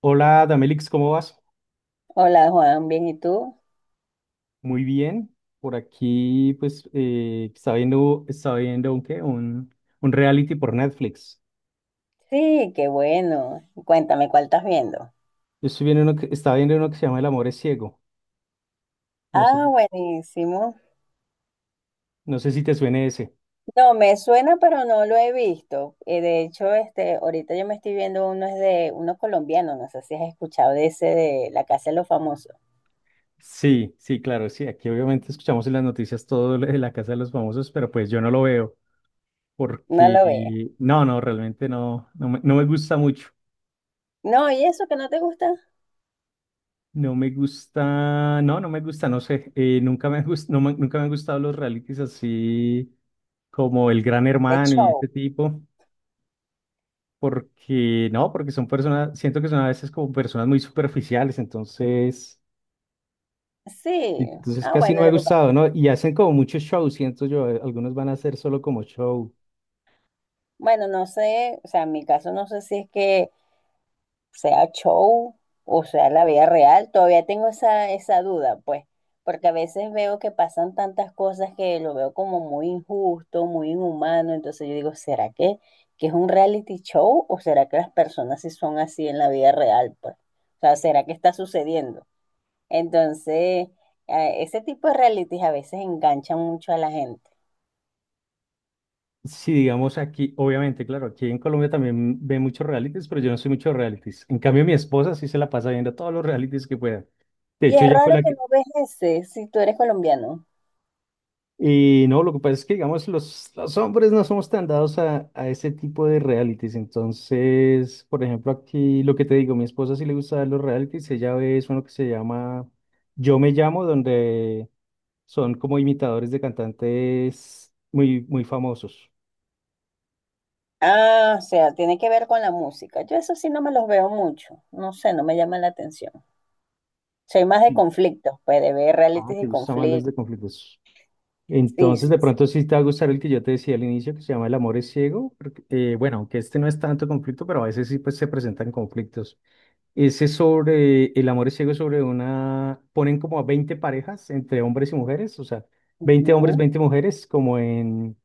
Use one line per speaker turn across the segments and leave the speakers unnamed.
Hola, Damelix, ¿cómo vas?
Hola Juan, bien, ¿y tú?
Muy bien. Por aquí, pues, estaba viendo un, ¿qué? Un reality por Netflix.
Sí, qué bueno. Cuéntame, ¿cuál estás viendo?
Yo estoy viendo uno estaba viendo uno que se llama El amor es ciego. No sé,
Ah, buenísimo.
no sé si te suene ese.
No, me suena, pero no lo he visto. De hecho, este, ahorita yo me estoy viendo uno es de uno colombiano, no sé si has escuchado de ese de La Casa de los Famosos.
Sí, sí, claro, sí. Aquí obviamente escuchamos en las noticias todo lo de la Casa de los Famosos, pero pues yo no lo veo
No lo ves.
porque, no, no, realmente no, no me gusta mucho.
No, ¿y eso que no te gusta?
No me gusta, no, no me gusta, no sé. Nunca me gust, nunca me han gustado los realities así como el gran
De
hermano y
show.
este tipo, porque no, porque son personas, siento que son a veces como personas muy superficiales, entonces,
Sí.
entonces
Ah,
casi no
bueno,
me ha
lo que
gustado,
pasa.
¿no? Y hacen como muchos shows, siento yo, algunos van a hacer solo como show.
Bueno, no sé, o sea, en mi caso no sé si es que sea show o sea la vida real, todavía tengo esa duda, pues, porque a veces veo que pasan tantas cosas que lo veo como muy injusto, muy inhumano, entonces yo digo, ¿que es un reality show o será que las personas sí son así en la vida real, pues? O sea, ¿será que está sucediendo? Entonces, ese tipo de realities a veces enganchan mucho a la gente.
Sí, digamos aquí, obviamente, claro, aquí en Colombia también ve muchos realities, pero yo no soy mucho de realities. En cambio, mi esposa sí se la pasa viendo todos los realities que pueda. De
Y
hecho,
es
ya fue
raro
la
que no
que,
ves ese si tú eres colombiano.
y no, lo que pasa es que, digamos, los hombres no somos tan dados a ese tipo de realities. Entonces, por ejemplo, aquí lo que te digo, mi esposa sí le gusta ver los realities. Ella ve es uno que se llama Yo me llamo, donde son como imitadores de cantantes muy, muy famosos.
Ah, o sea, tiene que ver con la música. Yo eso sí no me los veo mucho. No sé, no me llama la atención. Soy más de
Sí.
conflictos, pues de ver
Ah,
realities
te
de
gustan más los
conflictos.
de conflictos.
Sí,
Entonces,
sí,
de
sí.
pronto sí te va a gustar el que yo te decía al inicio, que se llama El amor es ciego. Porque, bueno, aunque este no es tanto conflicto, pero a veces sí pues, se presentan conflictos. Ese es sobre el amor es ciego, es sobre una. Ponen como a 20 parejas entre hombres y mujeres, o sea, 20 hombres,
Ujú.
20 mujeres, como en,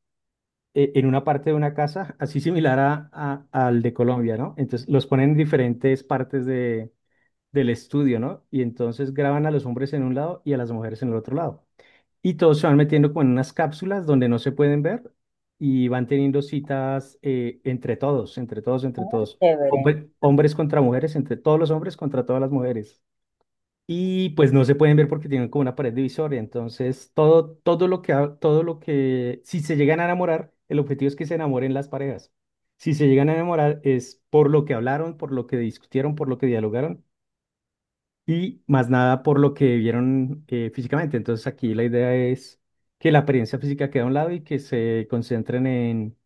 en una parte de una casa, así similar a, al de Colombia, ¿no? Entonces los ponen en diferentes partes de, del estudio, ¿no? Y entonces graban a los hombres en un lado y a las mujeres en el otro lado. Y todos se van metiendo como en unas cápsulas donde no se pueden ver y van teniendo citas entre todos, entre todos, entre
Ah,
todos.
chévere.
Hombres contra mujeres, entre todos los hombres contra todas las mujeres. Y pues no se pueden ver porque tienen como una pared divisoria. Entonces, todo, todo lo que, si se llegan a enamorar, el objetivo es que se enamoren las parejas. Si se llegan a enamorar es por lo que hablaron, por lo que discutieron, por lo que dialogaron y más nada por lo que vieron físicamente. Entonces aquí la idea es que la apariencia física quede a un lado y que se concentren en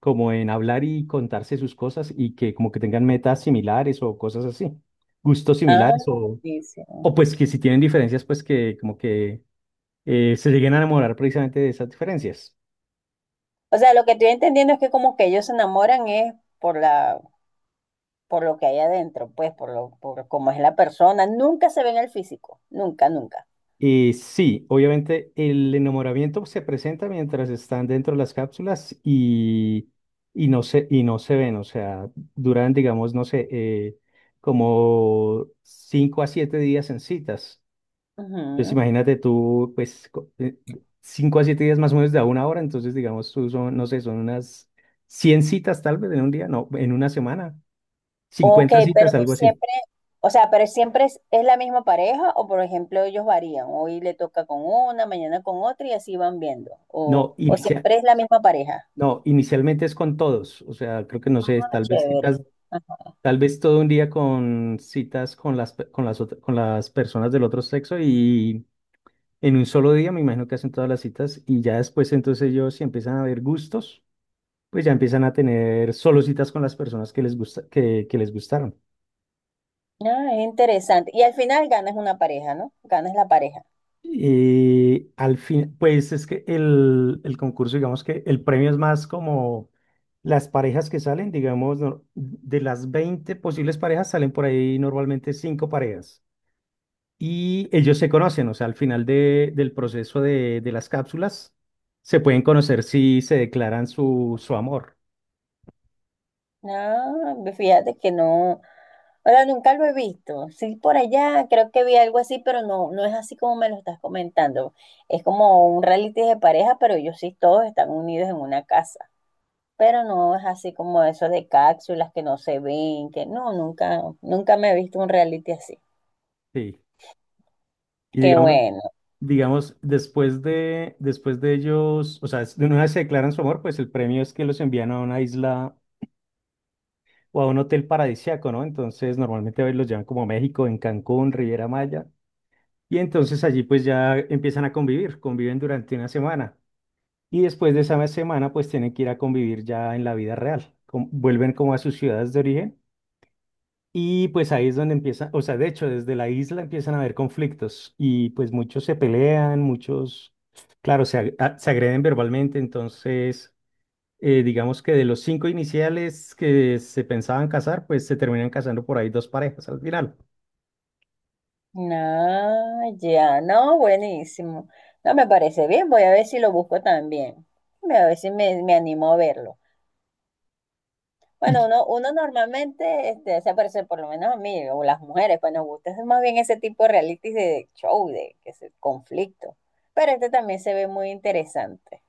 como en hablar y contarse sus cosas y que como que tengan metas similares o cosas así, gustos
Ah,
similares
buenísimo.
o pues que si tienen diferencias pues que como que se lleguen a enamorar precisamente de esas diferencias.
O sea, lo que estoy entendiendo es que como que ellos se enamoran es por la, por lo que hay adentro, pues, por cómo es la persona. Nunca se ven el físico. Nunca, nunca.
Sí, obviamente el enamoramiento se presenta mientras están dentro de las cápsulas y no se ven, o sea, duran, digamos, no sé, como 5 a 7 días en citas. Entonces
Ujú.
imagínate tú, pues, cinco a siete días más o menos de a una hora, entonces digamos, tú son, no sé, son unas 100 citas tal vez en un día, no, en una semana,
Ok,
50 citas, algo así.
o sea, pero siempre es la misma pareja o por ejemplo ellos varían, hoy le toca con una, mañana con otra y así van viendo,
No,
o
inicial.
siempre es la misma pareja.
No, inicialmente es con todos, o sea, creo que no
Ah,
sé, tal vez
chévere.
citas. Tal vez todo un día con citas con las, con las personas del otro sexo y en un solo día me imagino que hacen todas las citas y ya después entonces ellos si empiezan a ver gustos, pues ya empiezan a tener solo citas con las personas que les gusta, que les gustaron.
Ah, es interesante. Y al final ganas una pareja, ¿no? Ganas la pareja.
Y al fin, pues es que el concurso, digamos que el premio es más como las parejas que salen, digamos, de las 20 posibles parejas salen por ahí normalmente cinco parejas. Y ellos se conocen, o sea, al final del proceso de las cápsulas, se pueden conocer si se declaran su amor.
Ah, fíjate que no. Ahora, nunca lo he visto. Sí, por allá creo que vi algo así, pero no, no es así como me lo estás comentando. Es como un reality de pareja, pero ellos sí todos están unidos en una casa. Pero no es así como eso de cápsulas que no se ven, que no, nunca, nunca me he visto un reality así.
Sí. Y
Qué
digamos,
bueno.
digamos, después de ellos, o sea, de una vez se declaran su amor, pues el premio es que los envían a una isla o a un hotel paradisíaco, ¿no? Entonces, normalmente a veces los llevan como a México, en Cancún, Riviera Maya. Y entonces allí pues ya empiezan a convivir, conviven durante una semana. Y después de esa semana, pues tienen que ir a convivir ya en la vida real. Vuelven como a sus ciudades de origen. Y pues ahí es donde empiezan, o sea, de hecho, desde la isla empiezan a haber conflictos. Y pues muchos se pelean, muchos, claro, se agreden verbalmente. Entonces, digamos que de los cinco iniciales que se pensaban casar, pues se terminan casando por ahí dos parejas al final.
No, ya, no, buenísimo. No me parece bien, voy a ver si lo busco también. Voy a ver si me animo a verlo. Bueno, uno normalmente este, se aparece, por lo menos a mí, o las mujeres, pues nos gusta es más bien ese tipo de reality de show, de conflicto. Pero este también se ve muy interesante.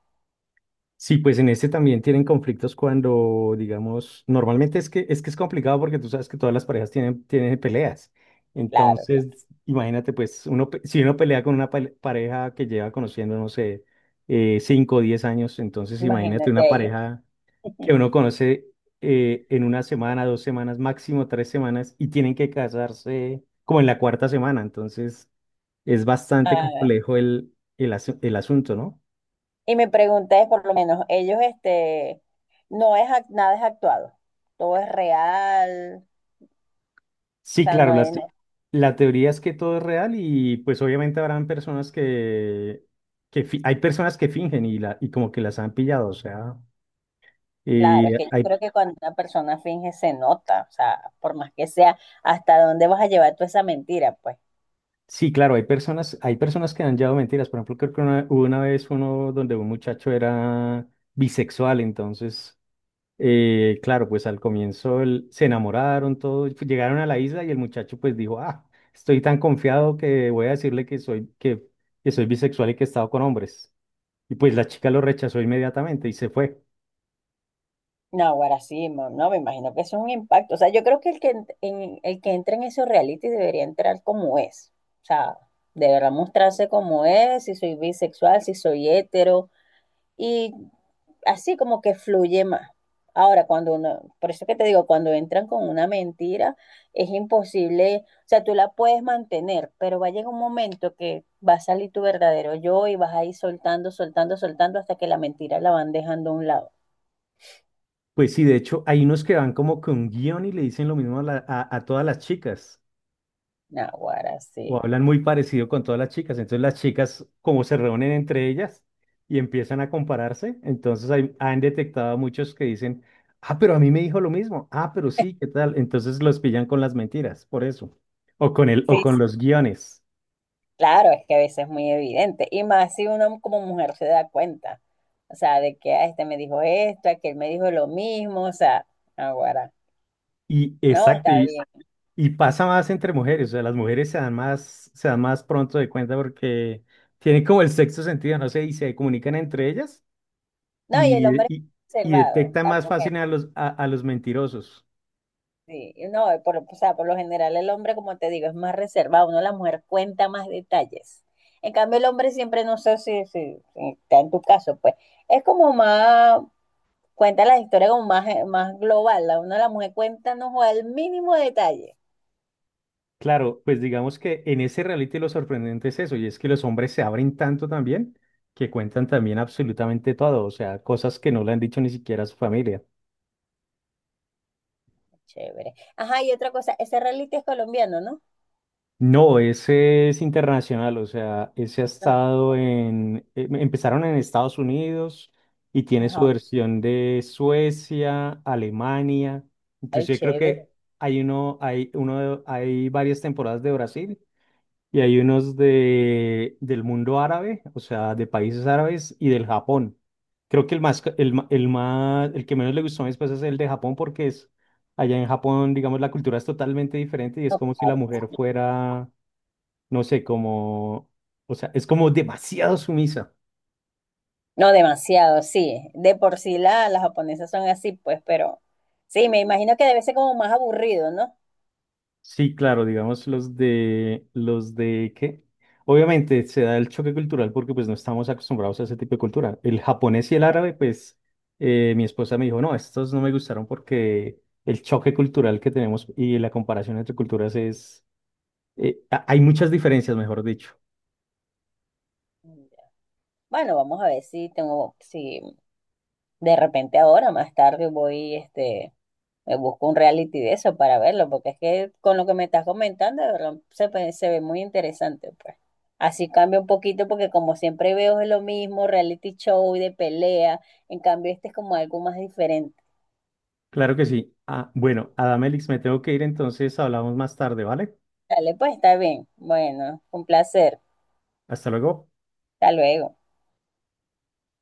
Sí, pues en este también tienen conflictos cuando, digamos, normalmente es que es que es complicado porque tú sabes que todas las parejas tienen, tienen peleas.
Claro, claro.
Entonces, imagínate, pues, uno, si uno pelea con una pareja que lleva conociendo, no sé, 5 o 10 años, entonces imagínate
Imagínate
una
ahí.
pareja que uno conoce en una semana, dos semanas, máximo tres semanas, y tienen que casarse como en la cuarta semana. Entonces, es bastante
Ah,
complejo el asunto, ¿no?
y me pregunté, por lo menos, ellos, este, nada es actuado, todo es real, o
Sí,
sea,
claro,
no
la,
es,
la teoría es que todo es real y pues obviamente habrán personas que, hay personas que fingen y como que las han pillado, o sea,
claro,
y
es que yo
hay,
creo que cuando una persona finge se nota, o sea, por más que sea, ¿hasta dónde vas a llevar tú esa mentira? Pues,
sí, claro, hay personas que han llevado mentiras, por ejemplo, creo que una, hubo una vez uno donde un muchacho era bisexual, entonces, claro, pues al comienzo se enamoraron, todo, y llegaron a la isla y el muchacho pues dijo, ah, estoy tan confiado que voy a decirle que soy bisexual y que he estado con hombres. Y pues la chica lo rechazó inmediatamente y se fue.
no, ahora sí, no, me imagino que eso es un impacto. O sea, yo creo que el que entra en esos reality debería entrar como es, o sea, deberá mostrarse como es, si soy bisexual, si soy hetero, y así como que fluye más. Ahora, cuando uno, por eso que te digo, cuando entran con una mentira, es imposible, o sea, tú la puedes mantener, pero va a llegar un momento que va a salir tu verdadero yo y vas a ir soltando, soltando, soltando hasta que la mentira la van dejando a un lado.
Pues sí, de hecho, hay unos que van como con guión y le dicen lo mismo a, a todas las chicas,
Naguará,
o
sí.
hablan muy parecido con todas las chicas. Entonces las chicas como se reúnen entre ellas y empiezan a compararse, entonces han detectado a muchos que dicen, ah, pero a mí me dijo lo mismo, ah, pero sí, ¿qué tal? Entonces los pillan con las mentiras, por eso,
Sí,
o con
sí,
los guiones.
claro, es que a veces es muy evidente. Y más si uno como mujer se da cuenta, o sea, de que ah, este me dijo esto, aquel me dijo lo mismo, o sea, naguará.
Y
No,
exacto,
está bien.
y pasa más entre mujeres, o sea, las mujeres se dan más pronto de cuenta porque tienen como el sexto sentido, no sé, y se comunican entre ellas
No, y el
y,
hombre
y,
es
y
reservado,
detectan
la
más
mujer,
fácil a los mentirosos.
sí. No, por, o sea, por lo general el hombre, como te digo, es más reservado, uno la mujer cuenta más detalles. En cambio, el hombre siempre, no sé si, si- si está en tu caso, pues, es como más, cuenta la historia como más, más global, la una la mujer cuenta, no juega el mínimo detalle.
Claro, pues digamos que en ese reality lo sorprendente es eso, y es que los hombres se abren tanto también que cuentan también absolutamente todo, o sea, cosas que no le han dicho ni siquiera a su familia.
Chévere. Ajá, y otra cosa, ese reality es colombiano, ¿no?
No, ese es internacional, o sea, ese ha
Ah,
estado en, empezaron en Estados Unidos y tiene su
ajá,
versión de Suecia, Alemania,
ay,
inclusive creo
chévere.
que hay uno, hay uno, hay varias temporadas de Brasil y hay unos de, del mundo árabe, o sea, de países árabes y del Japón. Creo que el más, el más, el que menos le gustó a mis pues es el de Japón porque es, allá en Japón, digamos, la cultura es totalmente diferente y es
No,
como si la mujer fuera no sé, como, o sea, es como demasiado sumisa.
no demasiado, sí. De por sí las japonesas son así, pues, pero sí, me imagino que debe ser como más aburrido, ¿no?
Sí, claro, digamos obviamente se da el choque cultural porque pues no estamos acostumbrados a ese tipo de cultura. El japonés y el árabe, pues mi esposa me dijo, no, estos no me gustaron porque el choque cultural que tenemos y la comparación entre culturas es, hay muchas diferencias, mejor dicho.
Bueno, vamos a ver si tengo, si de repente ahora, más tarde voy, este, me busco un reality de eso para verlo, porque es que con lo que me estás comentando, de verdad, se ve muy interesante, pues. Así cambia un poquito, porque como siempre veo es lo mismo, reality show de pelea, en cambio este es como algo más diferente.
Claro que sí. Ah, bueno, Adamelix, me tengo que ir, entonces hablamos más tarde, ¿vale?
Dale, pues está bien. Bueno, un placer.
Hasta luego.
Hasta luego.